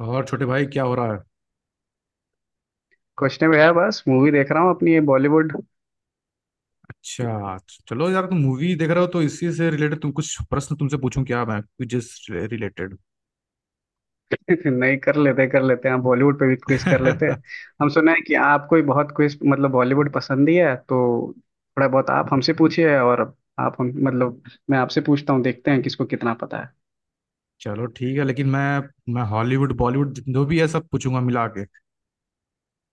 और छोटे भाई क्या हो रहा है। कुछ नहीं भैया बस मूवी देख रहा हूँ अपनी ये बॉलीवुड। अच्छा। चलो यार, तुम मूवी देख रहे हो तो इसी से रिलेटेड तुम कुछ प्रश्न, तुमसे पूछूं क्या मैं क्विजेस रिलेटेड? नहीं कर लेते हैं हम बॉलीवुड पे भी क्विज कर लेते हैं। हम सुना है कि आपको ही बहुत क्विज मतलब बॉलीवुड पसंद ही है तो थोड़ा बहुत आप हमसे पूछिए, और आप हम मतलब मैं आपसे पूछता हूँ, देखते हैं किसको कितना पता है। चलो ठीक है, लेकिन मैं हॉलीवुड बॉलीवुड जो भी है सब पूछूंगा मिला के।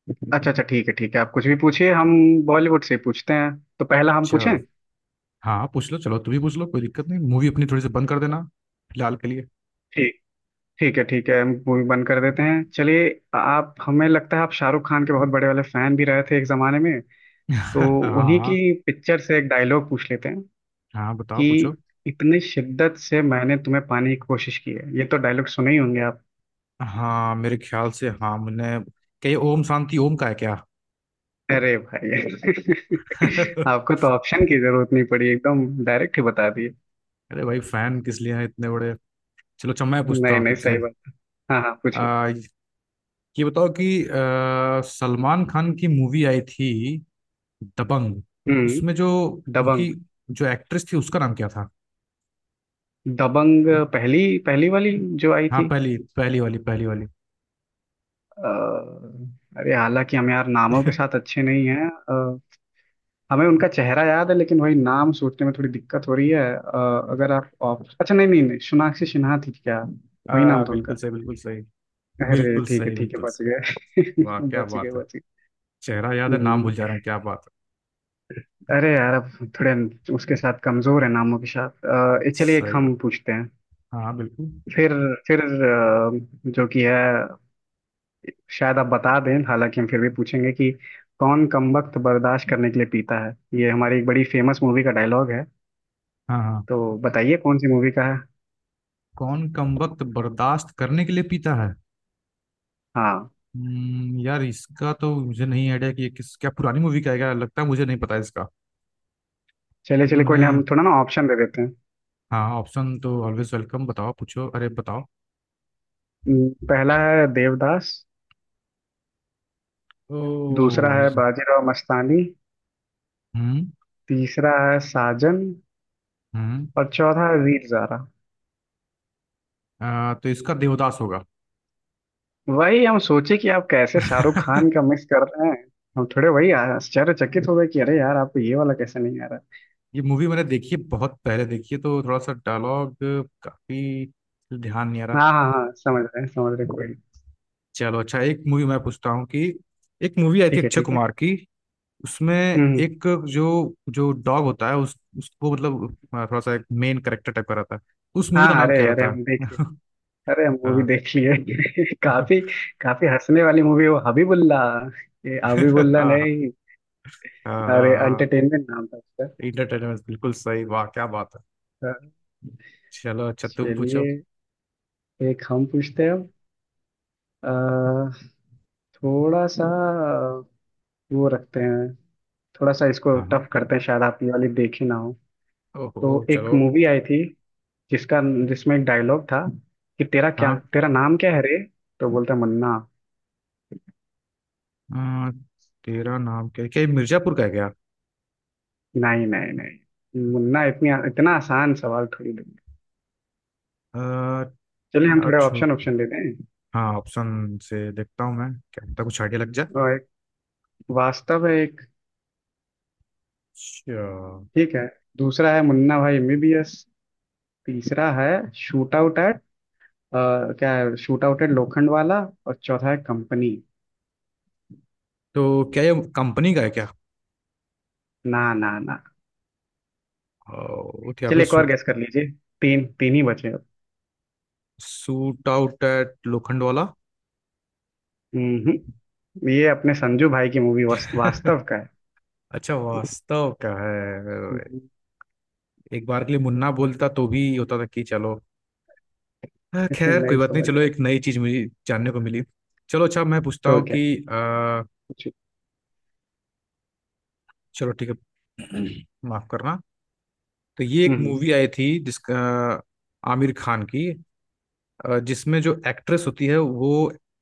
अच्छा अच्छा, ठीक है ठीक है, आप कुछ भी पूछिए, हम बॉलीवुड से पूछते हैं। तो पहला हम पूछें। चलो हाँ पूछ लो, चलो तुम भी पूछ लो, कोई दिक्कत नहीं, मूवी अपनी थोड़ी सी बंद कर देना फिलहाल के लिए। ठीक, ठीक है ठीक है, हम मूवी बंद कर देते हैं चलिए। आप, हमें लगता है आप शाहरुख खान के बहुत बड़े वाले फैन भी रहे थे एक जमाने में, तो हाँ, उन्हीं हाँ की पिक्चर से एक डायलॉग पूछ लेते हैं हाँ बताओ कि पूछो। इतने शिद्दत से मैंने तुम्हें पाने की कोशिश की है, ये तो डायलॉग सुने ही होंगे आप। हाँ मेरे ख्याल से, हाँ मैंने, क्या ये ओम शांति ओम का है क्या? अरे भाई अरे आपको तो ऑप्शन की जरूरत नहीं पड़ी, एकदम डायरेक्ट ही बता दिए। भाई, फैन किस लिए हैं इतने बड़े। चलो अच्छा, मैं पूछता नहीं हूँ नहीं, तुमसे। सही बात। हाँ हाँ पूछिए। आ, ये बताओ कि सलमान खान की मूवी आई थी दबंग, हम्म। इसमें जो दबंग। उनकी जो एक्ट्रेस थी उसका नाम क्या था? दबंग, पहली पहली वाली जो आई हाँ थी। पहली पहली वाली, पहली वाली। अ, अरे हालांकि हम यार नामों के साथ अच्छे नहीं हैं। हमें उनका चेहरा याद है लेकिन वही नाम सोचने में थोड़ी दिक्कत हो रही है। अगर आप ऑप्शन, अच्छा नहीं नहीं नहीं, सोनाक्षी सिन्हा थी क्या? वही नाम था बिल्कुल उनका। सही, बिल्कुल सही। अरे बिल्कुल ठीक है सही, ठीक है, बिल्कुल बच गए सही। वाह क्या बच गए बात है, बच गए। चेहरा याद है नाम हम्म, भूल जा रहा हूँ, क्या बात है। अरे यार अब थोड़े उसके साथ कमजोर है नामों के साथ। ये चलिए एक सही हम बात। पूछते हैं। हाँ बिल्कुल। फिर फिर जो कि है, शायद आप बता दें हालांकि हम फिर भी पूछेंगे कि कौन कमबख्त बर्दाश्त करने के लिए पीता है, ये हमारी एक बड़ी फेमस मूवी का डायलॉग है। हाँ हाँ। तो बताइए कौन सी मूवी का है। कौन कमबख्त बर्दाश्त करने के लिए पीता है। हाँ। यार इसका तो मुझे नहीं आइडिया कि ये किस, क्या पुरानी मूवी का है क्या, लगता है मुझे नहीं पता इसका। चलिए क्योंकि चलिए, कोई मैंने, नहीं, हम थोड़ा ना ऑप्शन दे देते हैं। हाँ ऑप्शन तो ऑलवेज वेलकम, बताओ पूछो, अरे बताओ। पहला है देवदास, ओ। दूसरा है बाजीराव मस्तानी, हम्म। तीसरा है साजन, हम्म। और चौथा है वीर ज़ारा। तो इसका देवदास होगा। वही हम सोचे कि आप कैसे शाहरुख खान का मिस कर रहे हैं। हम थोड़े वही आश्चर्यचकित हो गए कि अरे यार आपको ये वाला कैसे नहीं आ रहा। ये मूवी मैंने देखी है, बहुत पहले देखी है तो थोड़ा सा डायलॉग काफी ध्यान नहीं आ रहा। हाँ हाँ हाँ, समझ रहे हैं, कोई नहीं। चलो अच्छा, एक मूवी मैं पूछता हूँ कि एक मूवी आई थी ठीक है अक्षय ठीक है। कुमार की, उसमें हम्म हम्म। एक जो जो डॉग होता है उस उसको मतलब थोड़ा सा एक मेन कैरेक्टर टाइप का रहता है, उस मूवी हाँ का नाम अरे क्या अरे, रहता हम देख लिए, है? अरे हम मूवी हाँ। देख लिए काफी काफी हंसने वाली मूवी वो हबीबुल्ला, ये हबीबुल्ला हाँ हाँ नहीं, अरे हाँ। एंटरटेनमेंट नाम था उसका। इंटरटेनमेंट बिल्कुल सही, वाह क्या बात है। हाँ, चलो अच्छा तुम चलिए पूछो। एक हम पूछते हैं अब। अ, थोड़ा सा वो रखते हैं, थोड़ा सा इसको हाँ हाँ, टफ करते हैं, शायद आप ये वाली देखी ना हो। तो ओहो एक चलो। मूवी आई थी जिसका, जिसमें एक डायलॉग था कि तेरा क्या, हाँ। तेरा नाम क्या है रे? तो बोलता है, मुन्ना। अ, तेरा नाम क्या, क्या ये मिर्जापुर का है क्या? नहीं नहीं नहीं, मुन्ना इतनी इतना आसान सवाल थोड़ी दूंगा। अ, चलिए हम यार थोड़े छो, ऑप्शन ऑप्शन देते हैं। हाँ ऑप्शन से देखता हूँ मैं, क्या पता कुछ आइडिया लग जाए। और एक वास्तव है, एक अच्छा। ठीक है, दूसरा है मुन्ना भाई एमबीबीएस, तीसरा है शूट आउट एट, क्या है, shoot out at Lokhandwala, और चौथा है कंपनी। तो क्या ये कंपनी का है क्या? ना ना ना। ओ, क्या पे चलिए एक और सूट, गेस कर लीजिए, तीन तीन ही बचे अब। Shoot out at Lokhandwala. हम्म हम्म। ये अपने संजू भाई की मूवी वास्तव का है। अच्छा वास्तव का है। हम्म, एक बार के लिए मुन्ना बोलता तो भी होता था कि चलो। हाँ, खैर कोई नहीं बात नहीं, समझ चलो रहे। एक नई चीज मुझे जानने को मिली। चलो अच्छा, मैं पूछता तो हूँ क्या? कि आ, जी। चलो ठीक है। माफ करना। तो ये एक हम्म। मूवी आई थी जिसका आमिर खान की, जिसमें जो एक्ट्रेस होती है वो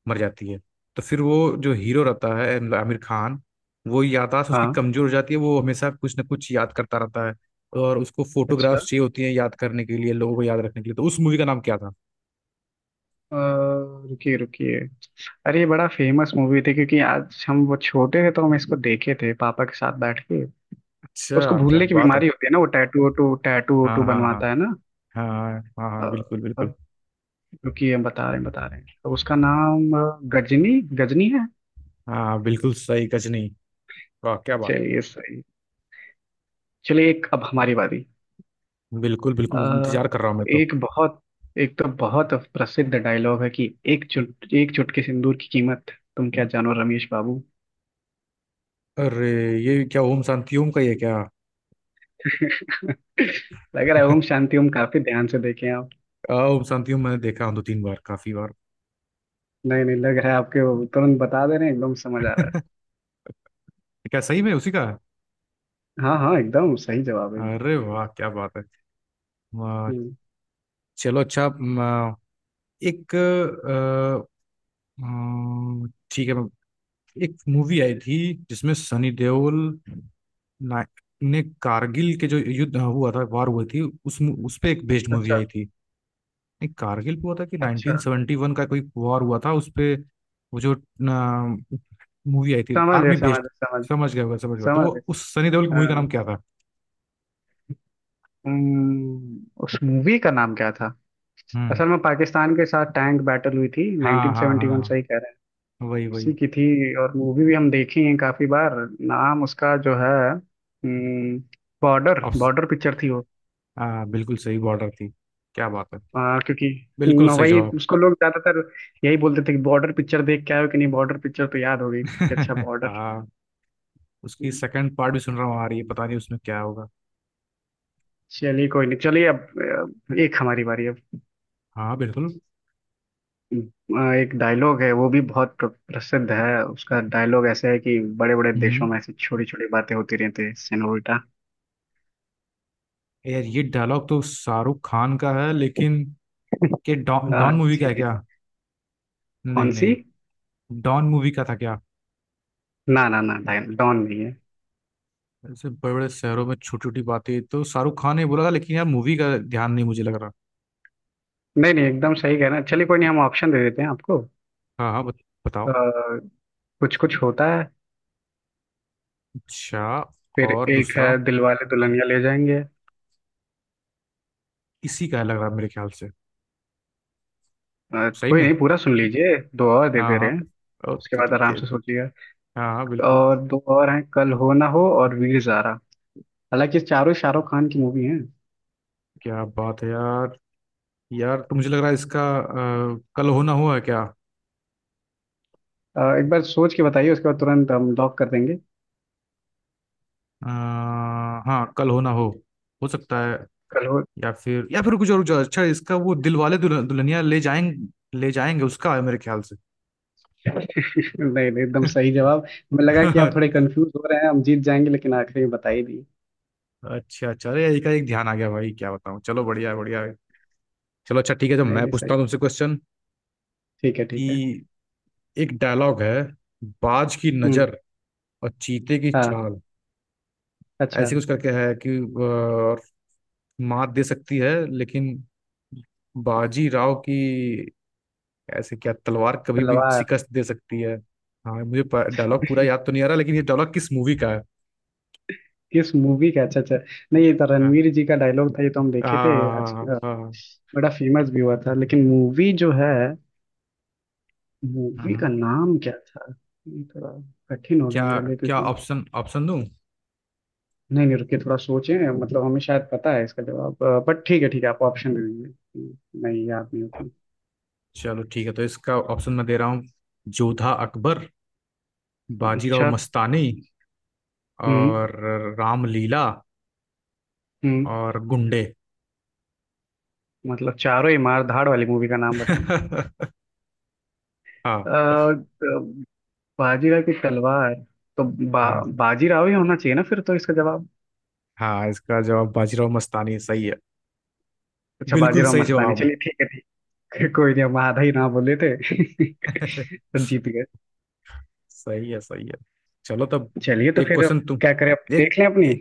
मर जाती है। तो फिर वो जो हीरो रहता है मतलब आमिर खान, वो याददाश्त उसकी हाँ। कमजोर हो जाती है, वो हमेशा कुछ ना कुछ याद करता रहता है। और उसको अच्छा। फोटोग्राफ्स चाहिए होती हैं, याद करने के लिए, लोगों को याद रखने के लिए। तो उस मूवी का नाम क्या था? अ, रुकिए रुकिए, अरे ये बड़ा फेमस मूवी थी क्योंकि आज हम वो छोटे थे तो हम इसको देखे थे पापा के साथ बैठ के। उसको अच्छा, क्या भूलने की बात है। बीमारी होती है ना, वो टैटू हाँ वोटू हाँ हाँ। बनवाता है ना। हाँ हाँ अ, हाँ, बिल्कुल अ, बिल्कुल। रुकिए, हम बता रहे हैं बता रहे हैं, तो उसका नाम गजनी, गजनी है। हाँ बिल्कुल सही, गजनी। वाह क्या बात। चलिए सही, चलिए एक अब हमारी बारी। बिल्कुल बिल्कुल, अ, इंतजार कर रहा हूँ मैं तो। एक बहुत, एक तो बहुत प्रसिद्ध डायलॉग है कि, एक चुट, एक चुटकी सिंदूर की कीमत तुम क्या जानो रमेश बाबू। अरे, ये क्या ओम शांति ओम का, ये क्या? लग रहा है ओम शांति ओम काफी ध्यान से देखे आप। ओम शांति ओम मैंने देखा हूँ दो तीन बार, काफी बार। नहीं नहीं, लग रहा है आपके वो तुरंत बता दे रहे हैं, एकदम समझ आ रहा है। क्या सही में उसी का है? हाँ हाँ, एकदम सही जवाब है एकदम। अरे वाह क्या बात है। वाह। हम्म, चलो अच्छा एक अ, ठीक है एक मूवी आई थी जिसमें सनी देओल ना- ने कारगिल के जो युद्ध हुआ था वार हुई थी, उस पे एक बेस्ड मूवी अच्छा आई थी। नहीं कारगिल पे हुआ था कि अच्छा, 1971 का कोई वॉर हुआ था उस पे। वो जो मूवी आई थी समझ गए आर्मी समझ बेस्ड, गए समझ, समझ गया होगा समझ गया, तो समझ वो गए। उस सनी देओल की मूवी का हाँ। नाम क्या था? हम्म, उस मूवी का नाम क्या था, हम्म। असल में पाकिस्तान के साथ टैंक बैटल हुई थी हाँ हाँ 1971 हाँ, सही कह, वही उसी वही। की थी, और मूवी भी हम देखी है काफी बार। नाम उसका जो है, हम्म, बॉर्डर, अब, बॉर्डर पिक्चर थी वो। हाँ बिल्कुल सही, बॉर्डर थी। क्या बात है, क्योंकि बिल्कुल न, सही वही जवाब। उसको लोग ज्यादातर यही बोलते थे कि बॉर्डर पिक्चर देख के आए हो कि नहीं, बॉर्डर पिक्चर तो याद हो गई थी कि अच्छा बॉर्डर। हाँ, उसकी सेकंड पार्ट भी सुन रहा हूँ आ रही है, पता नहीं उसमें क्या होगा। चलिए कोई नहीं, चलिए अब एक हमारी बारी अब। हाँ बिल्कुल। एक डायलॉग है वो भी बहुत प्रसिद्ध है, उसका डायलॉग ऐसा है कि बड़े बड़े हम्म, देशों में ऐसी छोटी छोटी बातें होती रहती है सेनोरिटा। यार ये डायलॉग तो शाहरुख खान का है, लेकिन के डॉन, डॉन मूवी का जी है जी। क्या? नहीं कौन सी? नहीं, डॉन मूवी का था क्या? ना ना ना, डॉन नहीं है। ऐसे बड़े बड़े शहरों में छोटी छोटी बातें, तो शाहरुख खान ने बोला था, लेकिन यार मूवी का ध्यान नहीं मुझे लग रहा। नहीं नहीं, एकदम सही कह रहे हैं, चलिए कोई नहीं हम ऑप्शन दे देते हैं आपको। हाँ हाँ बताओ। कुछ कुछ होता है, अच्छा। फिर और एक दूसरा है दिलवाले दुल्हनिया ले जाएंगे। इसी का है लग रहा है मेरे ख्याल से। सही कोई में। नहीं, पूरा सुन लीजिए, दो और दे हाँ दे हाँ। रहे हैं, ओ उसके बाद तेरी आराम के। से सोचिएगा। हाँ हाँ बिल्कुल। और दो और हैं, कल हो ना हो, और वीर ज़ारा, हालांकि चारों शाहरुख खान की मूवी हैं। क्या बात है यार। यार तो मुझे लग रहा है इसका कल होना हो है क्या? एक बार सोच के बताइए, उसके बाद तुरंत हम लॉक कर देंगे। अ, हाँ कल होना हो सकता है। कल हो। या फिर कुछ और कुछ और। अच्छा इसका वो दिल वाले दुल्हनिया ले जाएंगे, ले जाएंगे उसका है मेरे ख्याल से। नहीं नहीं, एकदम सही जवाब। हमें लगा कि आप थोड़े कंफ्यूज हो रहे हैं, हम जीत जाएंगे, लेकिन आखिरी में बता ही दिए। अच्छा अच्छा, अरे यही का एक ध्यान आ गया, भाई क्या बताऊँ, चलो बढ़िया है, बढ़िया है। चलो अच्छा ठीक है, तो नहीं मैं नहीं पूछता सही, हूँ तुमसे क्वेश्चन ठीक है ठीक है। कि एक डायलॉग है, बाज की हम्म। नजर और चीते की हाँ। चाल, अच्छा। ऐसे कुछ करके है कि और मात दे सकती है लेकिन बाजी राव की ऐसे क्या तलवार कभी भी तलवार। शिकस्त दे सकती है। हाँ मुझे डायलॉग पूरा याद तो नहीं आ रहा, लेकिन ये डायलॉग किस मूवी का है? किस मूवी का? अच्छा अच्छा, नहीं ये तो हाँ रणवीर जी का डायलॉग था, ये तो हम देखे थे। हाँ आज हाँ, हाँ। बड़ा फेमस भी हुआ था, लेकिन मूवी जो है, मूवी का हम्म। नाम क्या था, ये थोड़ा कठिन हो गया क्या, मेरे लिए क्या क्योंकि, ऑप्शन, ऑप्शन दूं? नहीं नहीं रुकिए थोड़ा सोचें, मतलब हमें शायद पता है इसका जवाब, बट ठीक है ठीक है, आप ऑप्शन दे दीजिए, नहीं याद नहीं होता। चलो ठीक है, तो इसका ऑप्शन मैं दे रहा हूँ, जोधा अकबर, बाजीराव अच्छा। मस्तानी, हम्म। और रामलीला, हम्म। और गुंडे। मतलब चारों ही मार धाड़ वाली मूवी का नाम बताएं? हाँ। अ, अ, बाजीराव की तलवार, तो हाँ बाजीराव ही होना चाहिए ना फिर तो इसका जवाब। हाँ, इसका जवाब बाजीराव मस्तानी सही है। अच्छा, बिल्कुल बाजीराव सही मस्तानी, जवाब। चलिए ठीक है ठीक है। कोई नहीं, हम आधा ही ना बोले थे तो जीत गए। सही है सही है। चलो तब, चलिए, तो एक फिर क्वेश्चन अब तुम क्या करें, अब एक देख लें अपनी। ए,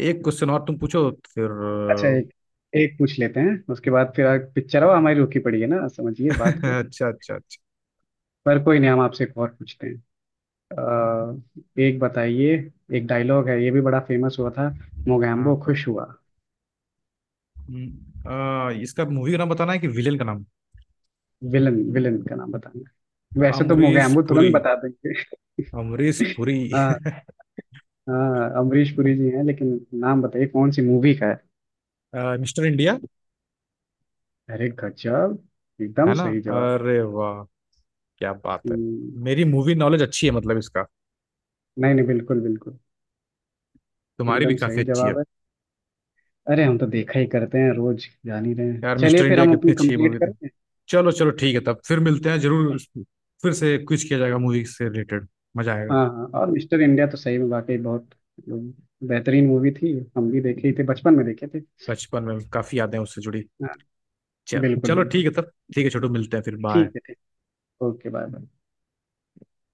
एक क्वेश्चन और तुम पूछो फिर। अच्छा, एक एक पूछ लेते हैं, उसके बाद फिर आगे पिक्चर अब हमारी रुकी पड़ी है ना, समझिए बात को। अच्छा अच्छा अच्छा। पर कोई नहीं, हम आपसे एक और पूछते हैं। एक बताइए, एक डायलॉग है, ये भी बड़ा फेमस हुआ था, मोगैम्बो हाँ। खुश हुआ। इसका मूवी का नाम बताना है कि विलेन का नाम? विलन, विलन का नाम बताना है। वैसे तो अमरीश मोगैम्बो पुरी, तुरंत बता देंगे। अमरीश पुरी। हाँ, हाँ अमरीश पुरी जी हैं, लेकिन नाम बताइए कौन सी मूवी का है। Mister India. अरे गजब, एकदम है ना। सही जवाब। अरे वाह क्या बात है। हम्म, मेरी मूवी नॉलेज अच्छी है मतलब इसका, नहीं नहीं, बिल्कुल बिल्कुल तुम्हारी भी एकदम काफी सही अच्छी है। जवाब है। अरे हम तो देखा ही करते हैं, रोज जान ही रहे हैं, यार चलिए मिस्टर फिर इंडिया हम कितनी अपनी अच्छी कंप्लीट मूवी थी। करते हैं। चलो चलो ठीक है, तब फिर मिलते हैं जरूर, फिर से क्विज किया जाएगा मूवी से रिलेटेड, मजा आएगा। हाँ हाँ, और मिस्टर इंडिया तो सही में वाकई बहुत, मतलब, बेहतरीन मूवी थी, हम भी देखे ही थे, बचपन में देखे थे। बचपन में काफी यादें उससे जुड़ी। हाँ चलो बिल्कुल चलो ठीक बिल्कुल, है तब, ठीक है छोटू, मिलते हैं फिर, बाय। ठीक है ठीक, ओके बाय बाय।